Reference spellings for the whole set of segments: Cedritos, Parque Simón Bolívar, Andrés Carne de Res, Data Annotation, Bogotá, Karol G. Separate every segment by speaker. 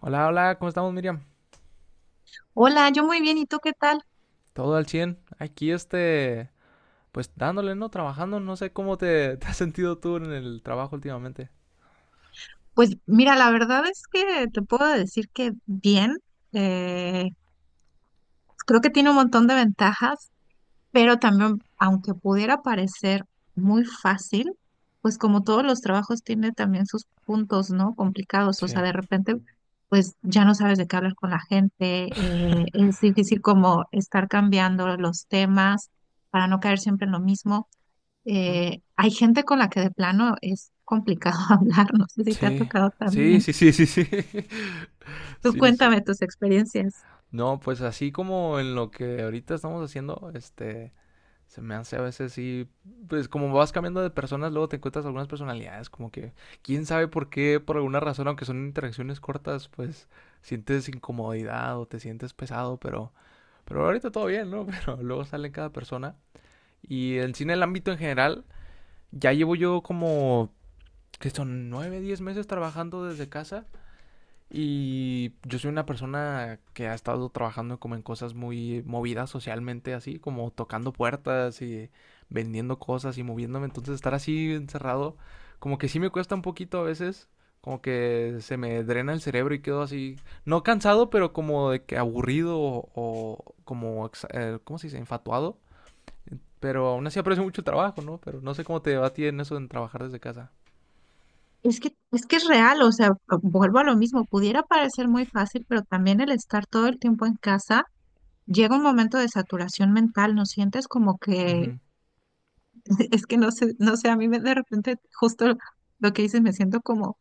Speaker 1: Hola, hola, ¿cómo estamos, Miriam?
Speaker 2: Hola, yo muy bien, ¿y tú qué tal?
Speaker 1: Todo al 100. Aquí, pues dándole, ¿no? Trabajando. No sé cómo te has sentido tú en el trabajo últimamente.
Speaker 2: Pues mira, la verdad es que te puedo decir que bien, eh, creo que tiene un montón de ventajas, pero también, aunque pudiera parecer muy fácil, pues como todos los trabajos tiene también sus puntos, ¿no? Complicados, o sea,
Speaker 1: Sí.
Speaker 2: de repente, pues ya no sabes de qué hablar con la gente, es difícil como estar cambiando los temas para no caer siempre en lo mismo.
Speaker 1: Ujú.
Speaker 2: Hay gente con la que de plano es complicado hablar, no sé si te ha
Speaker 1: Sí.
Speaker 2: tocado
Speaker 1: Sí,
Speaker 2: también.
Speaker 1: sí, sí, sí, sí.
Speaker 2: Tú
Speaker 1: Sí, sí.
Speaker 2: cuéntame tus experiencias.
Speaker 1: No, pues así como en lo que ahorita estamos haciendo, se me hace a veces sí, pues como vas cambiando de personas, luego te encuentras algunas personalidades, como que quién sabe por qué, por alguna razón, aunque son interacciones cortas, pues sientes incomodidad o te sientes pesado, pero... pero ahorita todo bien, ¿no? Pero luego sale cada persona. Y el cine, el ámbito en general, ya llevo yo como, ¿que son? 9 10 meses trabajando desde casa. Y yo soy una persona que ha estado trabajando como en cosas muy movidas socialmente, así como tocando puertas y vendiendo cosas y moviéndome. Entonces estar así encerrado, como que sí me cuesta un poquito a veces, como que se me drena el cerebro y quedo así, no cansado, pero como de que aburrido o como, ¿cómo se dice? Enfatuado. Pero aún así aprecio mucho el trabajo, ¿no? Pero no sé cómo te va a ti en eso en trabajar desde casa.
Speaker 2: Es que es real, o sea, vuelvo a lo mismo, pudiera parecer muy fácil, pero también el estar todo el tiempo en casa, llega un momento de saturación mental, no sientes como que,
Speaker 1: Ujú.
Speaker 2: es que no sé, de repente justo lo que dices, me siento como,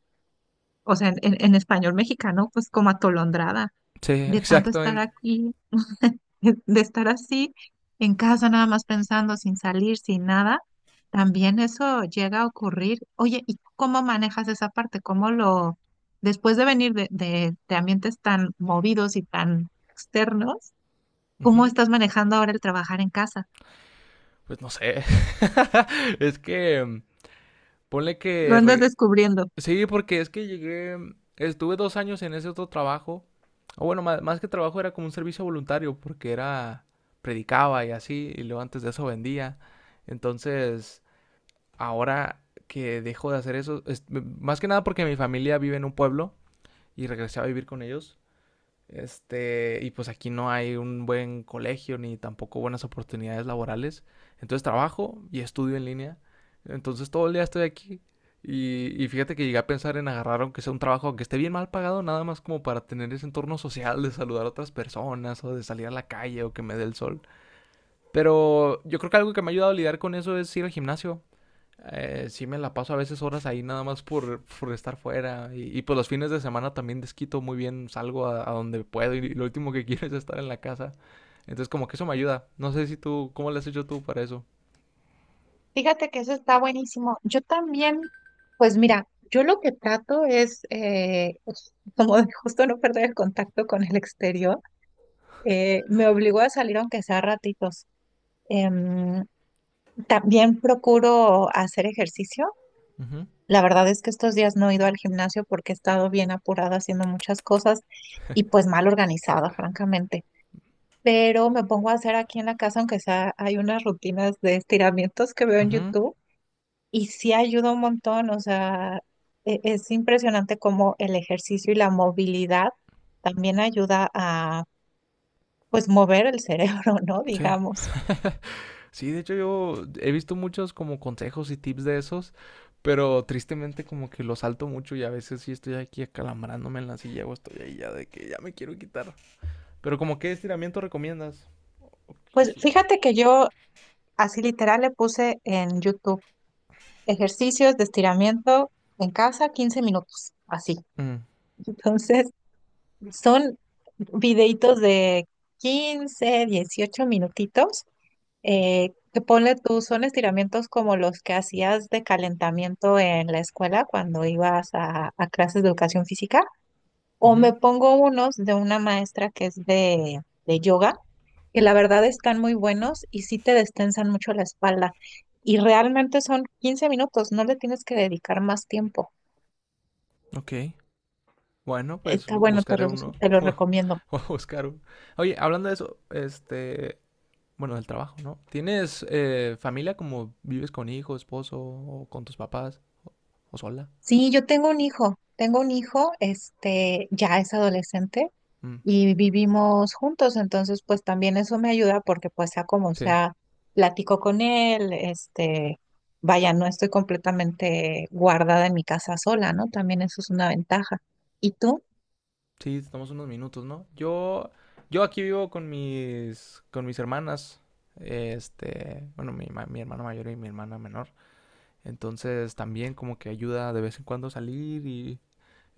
Speaker 2: o sea, en, en español mexicano, pues como atolondrada
Speaker 1: Sí,
Speaker 2: de tanto estar
Speaker 1: exactamente.
Speaker 2: aquí de estar así en casa nada más pensando sin salir, sin nada, también eso llega a ocurrir. Oye, ¿y cómo manejas esa parte? ¿Cómo lo, después de venir de, de ambientes tan movidos y tan externos, cómo estás manejando ahora el trabajar en casa?
Speaker 1: Pues no sé. es que, ponle
Speaker 2: Lo
Speaker 1: que...
Speaker 2: andas descubriendo.
Speaker 1: sí, porque es que llegué... Estuve 2 años en ese otro trabajo. O bueno, más que trabajo era como un servicio voluntario, porque era... Predicaba y así, y luego antes de eso vendía. Entonces, ahora que dejo de hacer eso, más que nada porque mi familia vive en un pueblo y regresé a vivir con ellos. Y pues aquí no hay un buen colegio ni tampoco buenas oportunidades laborales. Entonces trabajo y estudio en línea. Entonces todo el día estoy aquí. Y fíjate que llegué a pensar en agarrar, aunque sea un trabajo, aunque esté bien mal pagado, nada más como para tener ese entorno social de saludar a otras personas o de salir a la calle o que me dé el sol. Pero yo creo que algo que me ha ayudado a lidiar con eso es ir al gimnasio. Sí me la paso a veces horas ahí nada más por estar fuera. Y, pues los fines de semana también desquito muy bien, salgo a donde puedo y, lo último que quiero es estar en la casa. Entonces como que eso me ayuda. No sé si tú, ¿cómo le has hecho tú para eso?
Speaker 2: Fíjate que eso está buenísimo. Yo también, pues mira, yo lo que trato es como de justo no perder el contacto con el exterior. Me obligó a salir aunque sea ratitos. Em, también procuro hacer ejercicio.
Speaker 1: Ujú,
Speaker 2: La verdad es que estos días no he ido al gimnasio porque he estado bien apurada haciendo muchas cosas y pues mal organizada, francamente. Pero me pongo a hacer aquí en la casa, aunque sea, hay unas rutinas de estiramientos que veo en
Speaker 1: ujú,
Speaker 2: YouTube y sí ayuda un montón. O sea, es impresionante cómo el ejercicio y la movilidad también ayuda a pues mover el cerebro, ¿no?
Speaker 1: sí.
Speaker 2: Digamos.
Speaker 1: Sí, de hecho yo he visto muchos como consejos y tips de esos, pero tristemente como que los salto mucho y a veces sí estoy aquí acalambrándome en la silla o estoy ahí ya de que ya me quiero quitar. Pero ¿como qué estiramiento recomiendas? O-
Speaker 2: Pues
Speaker 1: así.
Speaker 2: fíjate que yo así literal le puse en YouTube ejercicios de estiramiento en casa 15 minutos, así.
Speaker 1: Mm,
Speaker 2: Entonces, son videitos de 15, 18 minutitos, que ponle tú, son estiramientos como los que hacías de calentamiento en la escuela cuando ibas a, clases de educación física, o
Speaker 1: ujú,
Speaker 2: me pongo unos de una maestra que es de, yoga, que la verdad están muy buenos y sí te destensan mucho la espalda. Y realmente son 15 minutos, no le tienes que dedicar más tiempo.
Speaker 1: ok. Bueno, pues
Speaker 2: Está bueno, te
Speaker 1: buscaré
Speaker 2: los,
Speaker 1: uno.
Speaker 2: te los recomiendo.
Speaker 1: Voy a buscar uno. Oye, hablando de eso, bueno, del trabajo, ¿no? ¿Tienes familia como vives con hijo, esposo, o con tus papás, o sola?
Speaker 2: Sí, yo tengo un hijo, este, ya es adolescente
Speaker 1: Mm,
Speaker 2: y vivimos juntos, entonces pues también eso me ayuda porque pues sea como
Speaker 1: sí,
Speaker 2: sea, platico con él, este, vaya, no estoy completamente guardada en mi casa sola, ¿no? También eso es una ventaja. ¿Y tú?
Speaker 1: sí, estamos unos minutos, ¿no? Yo aquí vivo con con mis hermanas. Bueno, mi hermano mayor y mi hermana menor. Entonces también como que ayuda de vez en cuando a salir y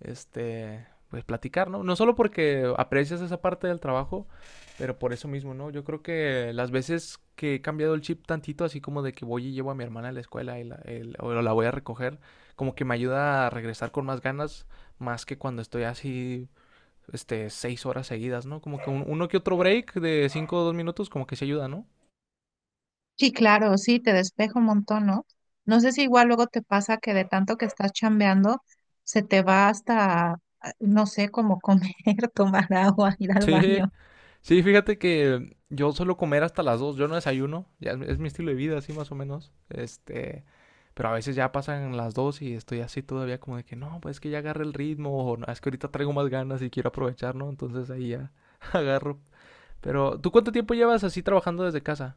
Speaker 1: pues platicar, ¿no? No solo porque aprecias esa parte del trabajo, pero por eso mismo, ¿no? Yo creo que las veces que he cambiado el chip tantito, así como de que voy y llevo a mi hermana a la escuela o la voy a recoger, como que me ayuda a regresar con más ganas, más que cuando estoy así, 6 horas seguidas, ¿no? Como que uno que otro break de 5 o 2 minutos, como que se ayuda, ¿no?
Speaker 2: Sí, claro, sí, te despejo un montón, ¿no? No sé si igual luego te pasa que de tanto que estás chambeando, se te va hasta, ah, no sé, como comer, tomar agua, ir al
Speaker 1: Sí,
Speaker 2: baño.
Speaker 1: sí, fíjate que yo suelo comer hasta las 2. Yo no desayuno, es mi estilo de vida así más o menos, pero a veces ya pasan las 2 y estoy así todavía como de que no, pues es que ya agarré el ritmo o no, es que ahorita traigo más ganas y quiero aprovechar, ¿no? Entonces ahí ya agarro. Pero, ¿tú cuánto tiempo llevas así trabajando desde casa?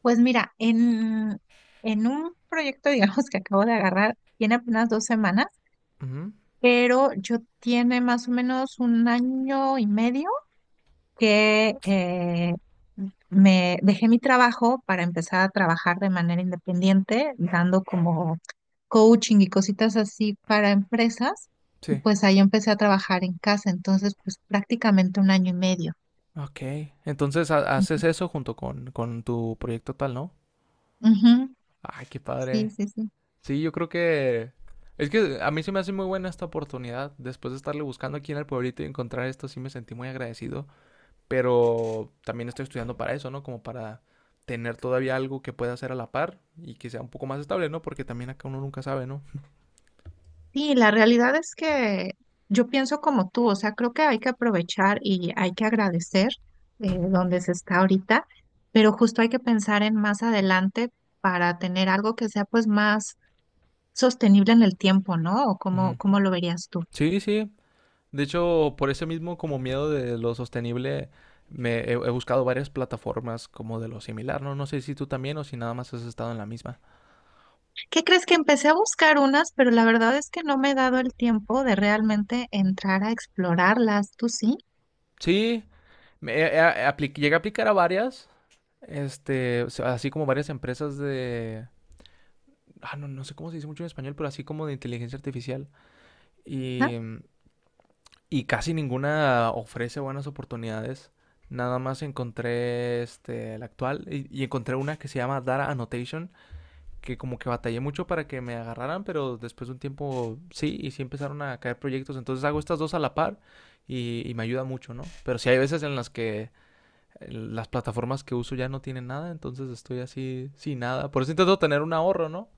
Speaker 2: Pues mira, en, un proyecto, digamos, que acabo de agarrar, tiene apenas 2 semanas.
Speaker 1: Ujú,
Speaker 2: Pero yo tiene más o menos un año y medio que me dejé mi trabajo para empezar a trabajar de manera independiente, dando como coaching y cositas así para empresas. Y
Speaker 1: sí.
Speaker 2: pues ahí empecé a trabajar en casa, entonces pues prácticamente un año y medio.
Speaker 1: Ok. Entonces
Speaker 2: Ujú,
Speaker 1: haces eso junto con tu proyecto tal, ¿no?
Speaker 2: ujú.
Speaker 1: Ay, qué
Speaker 2: Sí,
Speaker 1: padre.
Speaker 2: sí, sí.
Speaker 1: Sí, yo creo que... es que a mí se me hace muy buena esta oportunidad. Después de estarle buscando aquí en el pueblito y encontrar esto, sí me sentí muy agradecido. Pero también estoy estudiando para eso, ¿no? Como para tener todavía algo que pueda hacer a la par y que sea un poco más estable, ¿no? Porque también acá uno nunca sabe, ¿no?
Speaker 2: Sí, la realidad es que yo pienso como tú, o sea, creo que hay que aprovechar y hay que agradecer donde se está ahorita, pero justo hay que pensar en más adelante para tener algo que sea pues más sostenible en el tiempo, ¿no? ¿O
Speaker 1: Ujú.
Speaker 2: cómo lo verías tú?
Speaker 1: Sí, sí. De hecho, por ese mismo como miedo de lo sostenible, he buscado varias plataformas como de lo similar, ¿no? No sé si tú también o si nada más has estado en la misma.
Speaker 2: ¿Qué crees que empecé a buscar unas, pero la verdad es que no me he dado el tiempo de realmente entrar a explorarlas, ¿tú sí?
Speaker 1: Sí, me- eh, eh, llegué a aplicar a varias, o sea, así como varias empresas de, ah, no, no sé cómo se dice mucho en español, pero así como de inteligencia artificial.
Speaker 2: Ajá.
Speaker 1: Y, y casi ninguna ofrece buenas oportunidades. Nada más encontré este, la actual y encontré una que se llama Data Annotation, que como que batallé mucho para que me agarraran, pero después de un tiempo sí, y sí empezaron a caer proyectos. Entonces hago estas dos a la par y me ayuda mucho, ¿no? Pero sí hay veces en las que las plataformas que uso ya no tienen nada, entonces estoy así sin nada. Por eso intento tener un ahorro, ¿no?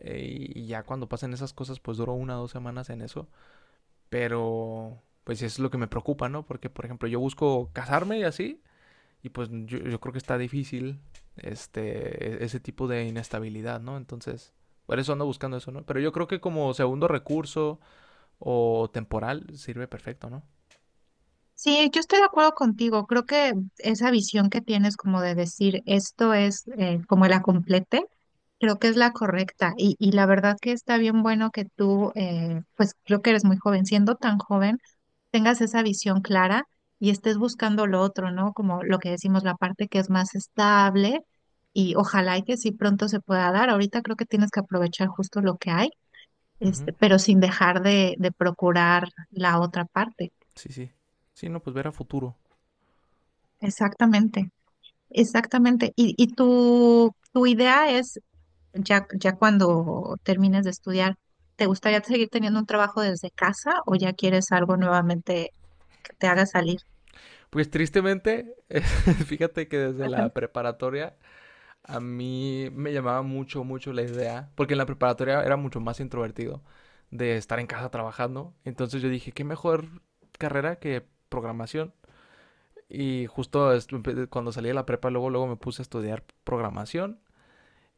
Speaker 1: Y ya cuando pasen esas cosas, pues duro 1 o 2 semanas en eso. Pero, pues sí, es lo que me preocupa, ¿no? Porque, por ejemplo, yo busco casarme y así, y yo creo que está difícil ese tipo de inestabilidad, ¿no? Entonces, por eso ando buscando eso, ¿no? Pero yo creo que como segundo recurso o temporal sirve perfecto, ¿no?
Speaker 2: Sí, yo estoy de acuerdo contigo. Creo que esa visión que tienes como de decir esto es como la complete. Creo que es la correcta y la verdad que está bien bueno que tú, pues creo que eres muy joven, siendo tan joven, tengas esa visión clara y estés buscando lo otro, ¿no? Como lo que decimos, la parte que es más estable y ojalá y que sí pronto se pueda dar. Ahorita creo que tienes que aprovechar justo lo que hay,
Speaker 1: Ujú.
Speaker 2: este, pero sin dejar de, procurar la otra parte.
Speaker 1: Sí, sí. Sí, no, pues ver a futuro.
Speaker 2: Exactamente, exactamente. Y tu idea es ya, ya cuando termines de estudiar, ¿te gustaría seguir teniendo un trabajo desde casa o ya quieres algo nuevamente que te haga salir?
Speaker 1: Pues tristemente, fíjate que desde la preparatoria a mí me llamaba mucho, mucho la idea, porque en la preparatoria era mucho más introvertido de estar en casa trabajando. Entonces yo dije, qué mejor carrera que programación. Y justo cuando salí de la prepa, luego, luego me puse a estudiar programación,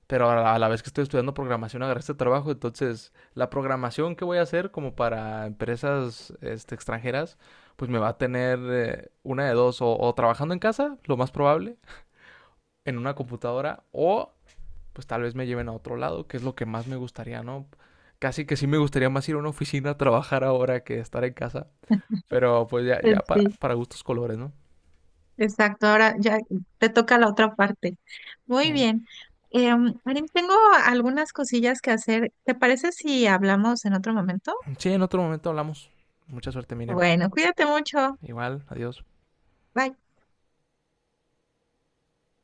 Speaker 1: pero a la vez que estoy estudiando programación agarré este trabajo, entonces la programación que voy a hacer como para empresas este, extranjeras, pues me va a tener una de dos, o trabajando en casa, lo más probable, en una computadora, o pues tal vez me lleven a otro lado, que es lo que más me gustaría, ¿no? Casi que sí me gustaría más ir a una oficina a trabajar ahora que estar en casa, pero pues ya, ya
Speaker 2: Sí,
Speaker 1: para gustos colores, ¿no?
Speaker 2: exacto. Ahora ya te toca la otra parte. Muy
Speaker 1: Eh.
Speaker 2: bien. Marín, tengo algunas cosillas que hacer. ¿Te parece si hablamos en otro momento?
Speaker 1: Sí, en otro momento hablamos. Mucha suerte, Miriam.
Speaker 2: Bueno, cuídate mucho.
Speaker 1: Igual, adiós.
Speaker 2: Bye.